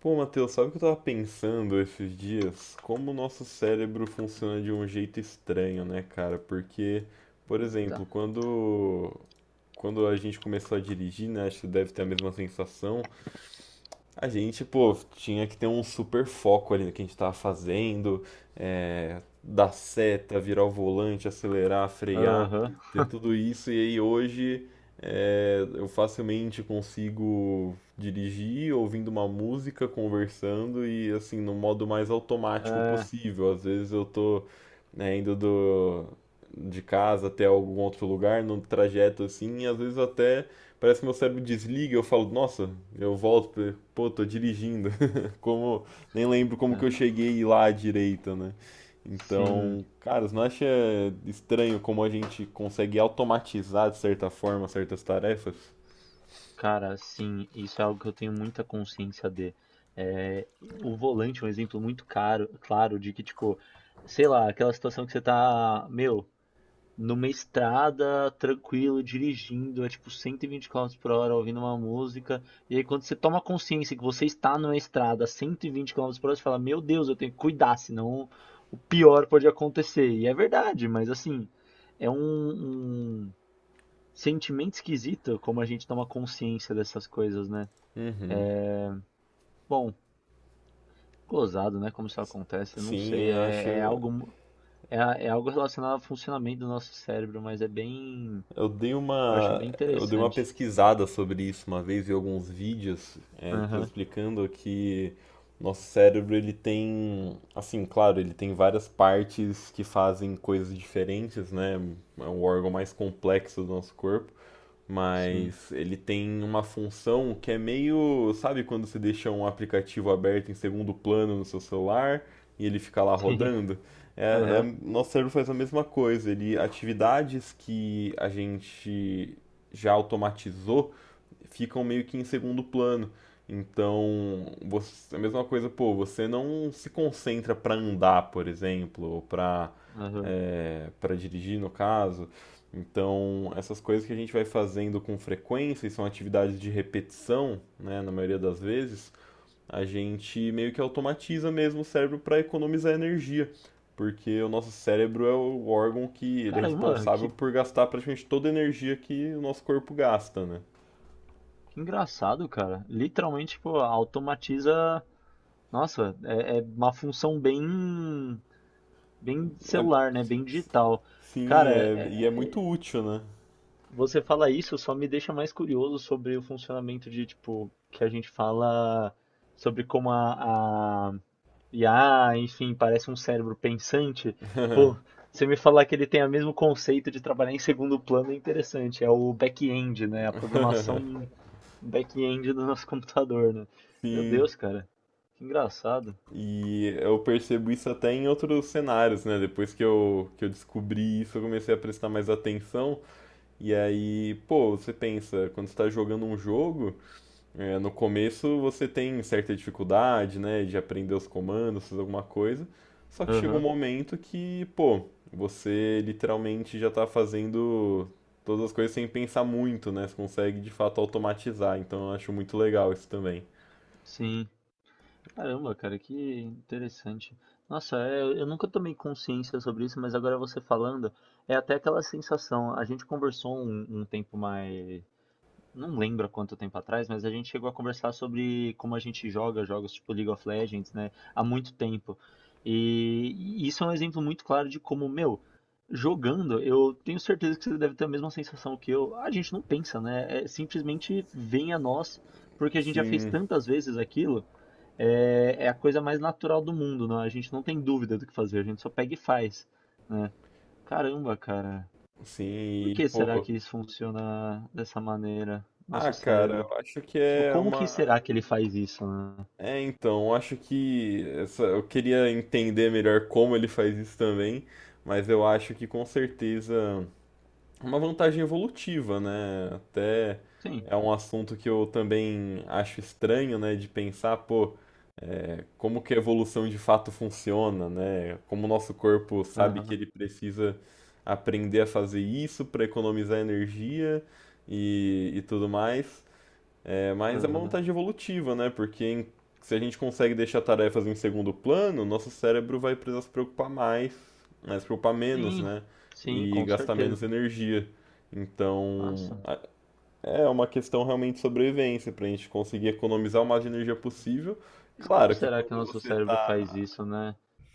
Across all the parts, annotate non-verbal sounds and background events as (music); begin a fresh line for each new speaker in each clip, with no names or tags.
Pô, Matheus, sabe o que eu tava pensando esses dias? Como o nosso cérebro funciona de um jeito estranho, né, cara? Porque, por
Eita.
exemplo, quando a gente começou a dirigir, né, acho que você deve ter a mesma sensação. A gente, pô, tinha que ter um super foco ali no que a gente tava fazendo, dar seta, virar o volante, acelerar, frear,
Aham.
ter
(laughs)
tudo isso. E aí hoje eu facilmente consigo dirigir ouvindo uma música, conversando e assim, no modo mais automático
É,
possível. Às vezes eu tô, né, indo do, de casa até algum outro lugar, no trajeto assim, e às vezes até parece que meu cérebro desliga. Eu falo, nossa, eu volto, pô, tô dirigindo. (laughs) Como, nem lembro como que
é.
eu cheguei lá à direita, né?
Sim,
Então, cara, você não acha estranho como a gente consegue automatizar de certa forma certas tarefas?
cara, sim, isso é algo que eu tenho muita consciência de. É, o volante é um exemplo muito caro, claro de que, tipo, sei lá, aquela situação que você tá, meu, numa estrada, tranquilo, dirigindo, é tipo 120 km por hora, ouvindo uma música. E aí, quando você toma consciência que você está numa estrada a 120 km por hora, você fala: Meu Deus, eu tenho que cuidar, senão o pior pode acontecer. E é verdade, mas assim, é um sentimento esquisito como a gente toma consciência dessas coisas, né?
Uhum.
Bom, gozado, né? Como isso acontece, eu não
Sim,
sei.
eu acho.
É algo. É algo relacionado ao funcionamento do nosso cérebro, mas é bem.
Eu dei
Eu acho
uma,
bem
eu dei uma
interessante.
pesquisada sobre isso uma vez em alguns vídeos, de pessoas
Aham.
explicando que nosso cérebro, ele tem, assim, claro, ele tem várias partes que fazem coisas diferentes, né? É um órgão mais complexo do nosso corpo,
Sim,
mas ele tem uma função que é meio, sabe quando você deixa um aplicativo aberto em segundo plano no seu celular e ele fica lá
sim.
rodando?
(laughs) Aham,
Nosso cérebro faz a mesma coisa. Ele atividades que a gente já automatizou ficam meio que em segundo plano. Então, você, é a mesma coisa, pô, você não se concentra para andar, por exemplo, ou para
aham.
pra dirigir, no caso. Então, essas coisas que a gente vai fazendo com frequência, e são atividades de repetição, né, na maioria das vezes, a gente meio que automatiza mesmo o cérebro para economizar energia, porque o nosso cérebro é o órgão que ele é
Cara, e, mano,
responsável
que,
por gastar praticamente toda a energia que o nosso corpo gasta, né?
que engraçado, cara. Literalmente, tipo, automatiza. Nossa, é uma função bem, bem
É
celular, né? Bem digital.
Sim,
Cara,
e é muito útil, né?
você fala isso só me deixa mais curioso sobre o funcionamento de, tipo, que a gente fala sobre como a IA, enfim, parece um cérebro pensante. Pô, você me falar que ele tem o mesmo conceito de trabalhar em segundo plano é interessante. É o back-end, né? A programação em back-end do nosso computador, né? Meu
Sim,
Deus, cara. Que engraçado.
e eu percebo isso até em outros cenários, né? Depois que eu descobri isso, eu comecei a prestar mais atenção. E aí, pô, você pensa, quando você tá jogando um jogo, no começo você tem certa dificuldade, né? De aprender os comandos, fazer alguma coisa. Só que chega um
Aham,
momento que, pô, você literalmente já tá fazendo todas as coisas sem pensar muito, né? Você consegue de fato automatizar. Então eu acho muito legal isso também.
sim. Caramba, cara, que interessante. Nossa, é, eu nunca tomei consciência sobre isso, mas agora você falando, é até aquela sensação. A gente conversou um tempo mais. Não lembro há quanto tempo atrás, mas a gente chegou a conversar sobre como a gente joga jogos tipo League of Legends, né, há muito tempo. E e isso é um exemplo muito claro de como, meu, jogando, eu tenho certeza que você deve ter a mesma sensação que eu. A gente não pensa, né? É, simplesmente vem a nós, porque a gente já fez
Sim,
tantas vezes aquilo, é a coisa mais natural do mundo, né? A gente não tem dúvida do que fazer, a gente só pega e faz, né? Caramba, cara,
sim,
por
e,
que será
pô.
que isso funciona dessa maneira?
Ah,
Nosso
cara,
cérebro.
eu acho que
Tipo,
é
como que
uma.
será que ele faz isso, né?
É, então, eu acho que essa... eu queria entender melhor como ele faz isso também, mas eu acho que com certeza é uma vantagem evolutiva, né? Até
Sim.
é um assunto que eu também acho estranho, né, de pensar, pô. Como que a evolução de fato funciona, né? Como o nosso corpo sabe que
Aham.
ele precisa aprender a fazer isso para economizar energia e tudo mais. É, mas é uma
Aham.
vantagem evolutiva, né? Porque se a gente consegue deixar tarefas em segundo plano, nosso cérebro vai precisar se preocupar mais, né? Se preocupar menos,
Sim.
né?
Sim,
E
com
gastar menos
certeza.
energia. Então,
Nossa.
é uma questão realmente de sobrevivência, para a gente conseguir economizar o mais de energia possível.
Mas como
Claro que
será que o
quando
nosso
você
cérebro faz
tá,
isso, né?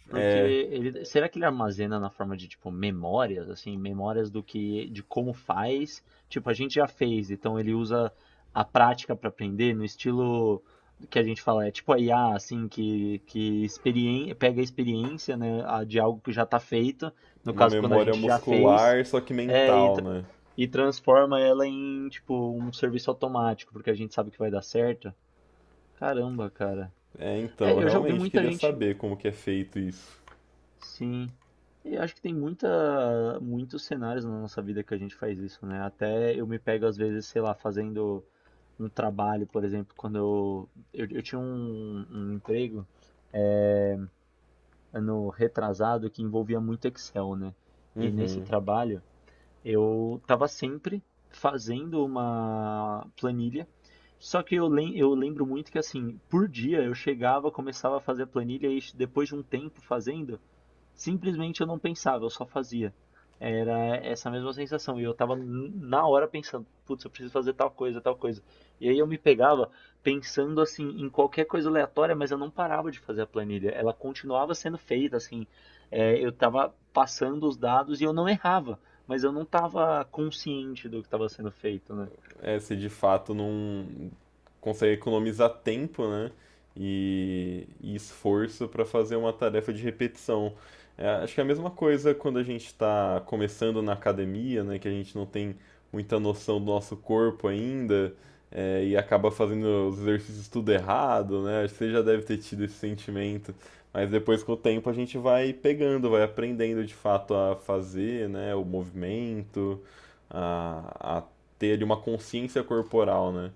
Porque
é,
ele, será que ele armazena na forma de tipo memórias, assim, memórias do que, de como faz? Tipo, a gente já fez, então ele usa a prática para aprender no estilo que a gente fala, é tipo a IA, assim, que experien pega a experiência, né, de algo que já está feito, no
uma
caso quando a
memória
gente já fez,
muscular, só que
é,
mental, né?
e transforma ela em tipo um serviço automático, porque a gente sabe que vai dar certo. Caramba, cara.
É, então,
É,
eu
eu já ouvi
realmente
muita
queria
gente.
saber como que é feito isso.
Sim. Eu acho que tem muita, muitos cenários na nossa vida que a gente faz isso, né? Até eu me pego, às vezes, sei lá, fazendo um trabalho, por exemplo, quando eu tinha um emprego ano retrasado que envolvia muito Excel, né? E nesse
Uhum.
trabalho eu estava sempre fazendo uma planilha. Só que eu lembro muito que assim, por dia eu chegava, começava a fazer a planilha e depois de um tempo fazendo, simplesmente eu não pensava, eu só fazia. Era essa mesma sensação. E eu tava na hora pensando, putz, eu preciso fazer tal coisa, tal coisa. E aí eu me pegava pensando assim em qualquer coisa aleatória, mas eu não parava de fazer a planilha. Ela continuava sendo feita, assim. É, eu tava passando os dados e eu não errava, mas eu não tava consciente do que estava sendo feito, né?
É, se de fato não consegue economizar tempo, né? E esforço para fazer uma tarefa de repetição. É, acho que é a mesma coisa quando a gente está começando na academia, né? Que a gente não tem muita noção do nosso corpo ainda, é, e acaba fazendo os exercícios tudo errado, né? Acho que você já deve ter tido esse sentimento, mas depois com o tempo a gente vai pegando, vai aprendendo de fato a fazer, né? O movimento, a ter ali uma consciência corporal, né?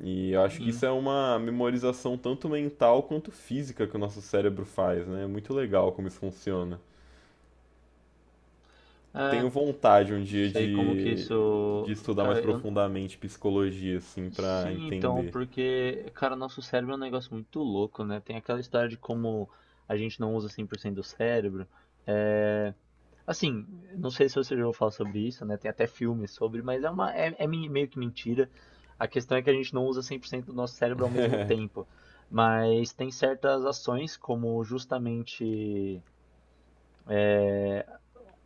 E eu acho que isso
Sim.
é uma memorização tanto mental quanto física que o nosso cérebro faz, né? É muito legal como isso funciona.
É,
Tenho vontade um dia
sei como que
de
isso.
estudar mais
Cara, eu,
profundamente psicologia, assim, pra
sim, então,
entender.
porque, cara, nosso cérebro é um negócio muito louco, né? Tem aquela história de como a gente não usa 100% do cérebro. É... Assim, não sei se você já ouviu falar sobre isso, né? Tem até filmes sobre, mas é meio que mentira. A questão é que a gente não usa 100% do nosso cérebro ao mesmo tempo. Mas tem certas ações, como justamente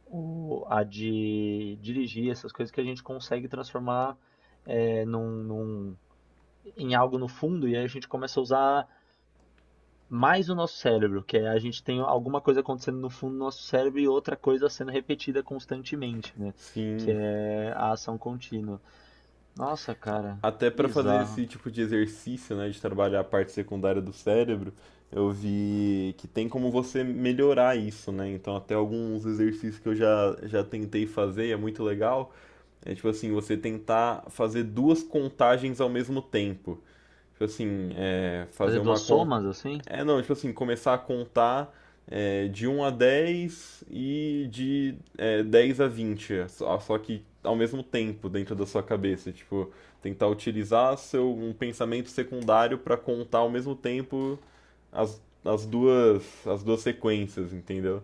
o, a de dirigir, essas coisas que a gente consegue transformar é, num em algo no fundo e aí a gente começa a usar mais o nosso cérebro, que é a gente tem alguma coisa acontecendo no fundo do nosso cérebro e outra coisa sendo repetida constantemente, né? Que
Sim,
é a ação contínua. Nossa, cara,
até pra fazer
bizarro.
esse tipo de exercício, né, de trabalhar a parte secundária do cérebro, eu vi que tem como você melhorar isso, né? Então, até alguns exercícios que eu já tentei fazer, e é muito legal. É tipo assim, você tentar fazer duas contagens ao mesmo tempo. Tipo assim, fazer
Fazer duas
uma con...
somas assim?
É, não, tipo assim, começar a contar de um a 10 e de 10 a 20, só que ao mesmo tempo dentro da sua cabeça. Tipo, tentar utilizar um pensamento secundário para contar ao mesmo tempo as duas sequências, entendeu?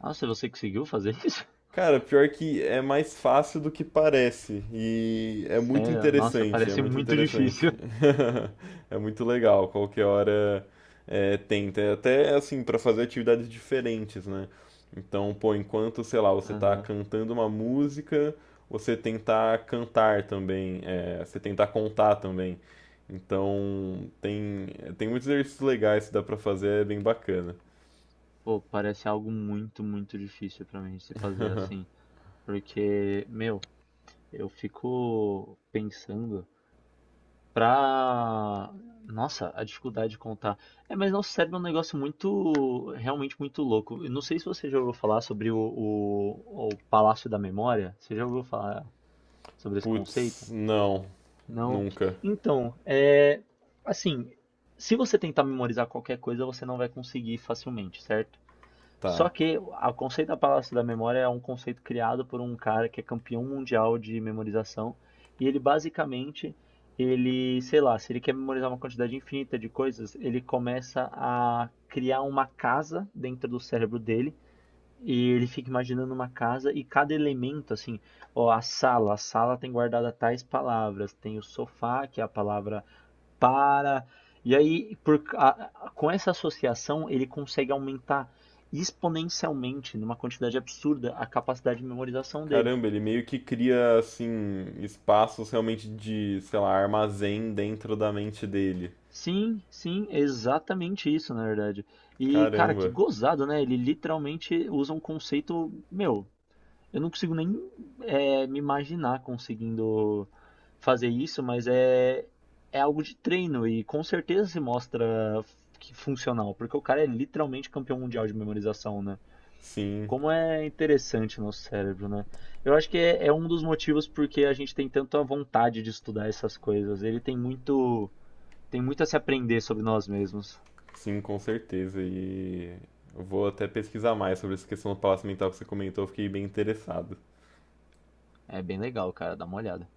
Nossa, é você conseguiu fazer isso? (laughs)
Cara, pior que é mais fácil do que parece. E é muito
Sério? Nossa,
interessante, é
parece
muito
muito
interessante.
difícil.
(laughs) É muito legal, qualquer hora tenta. É. Até assim, pra fazer atividades diferentes, né? Então, pô, enquanto, sei lá, você tá
Aham.
cantando uma música, você tentar cantar também, você tentar contar também. Então, tem muitos exercícios legais que dá pra fazer, é bem bacana.
Pô, parece algo muito, muito difícil pra mim se fazer assim. Porque, meu, eu fico pensando. Pra. Nossa, a dificuldade de contar. É, mas nosso cérebro é um negócio muito, realmente muito louco. Eu não sei se você já ouviu falar sobre o Palácio da Memória. Você já ouviu falar sobre esse conceito?
Putz, não,
Não.
nunca.
Então, é, assim, se você tentar memorizar qualquer coisa, você não vai conseguir facilmente, certo? Só
Tá.
que o conceito da Palácio da Memória é um conceito criado por um cara que é campeão mundial de memorização e ele basicamente ele, sei lá, se ele quer memorizar uma quantidade infinita de coisas, ele começa a criar uma casa dentro do cérebro dele e ele fica imaginando uma casa e cada elemento assim, ó, a sala tem guardada tais palavras, tem o sofá, que é a palavra para. E aí, com essa associação, ele consegue aumentar exponencialmente, numa quantidade absurda, a capacidade de memorização dele.
Caramba, ele meio que cria assim espaços realmente de, sei lá, armazém dentro da mente dele.
Sim, sim, exatamente isso, na verdade. E, cara, que
Caramba.
gozado, né? Ele literalmente usa um conceito, meu, eu não consigo nem me imaginar conseguindo fazer isso, mas é algo de treino e com certeza se mostra que funcional, porque o cara é literalmente campeão mundial de memorização, né?
Sim,
Como é interessante o nosso cérebro, né? Eu acho que é um dos motivos porque a gente tem tanta vontade de estudar essas coisas. Ele tem muito a se aprender sobre nós mesmos.
sim, com certeza. E eu vou até pesquisar mais sobre essa questão do palácio mental que você comentou, eu fiquei bem interessado.
É bem legal, cara, dá uma olhada.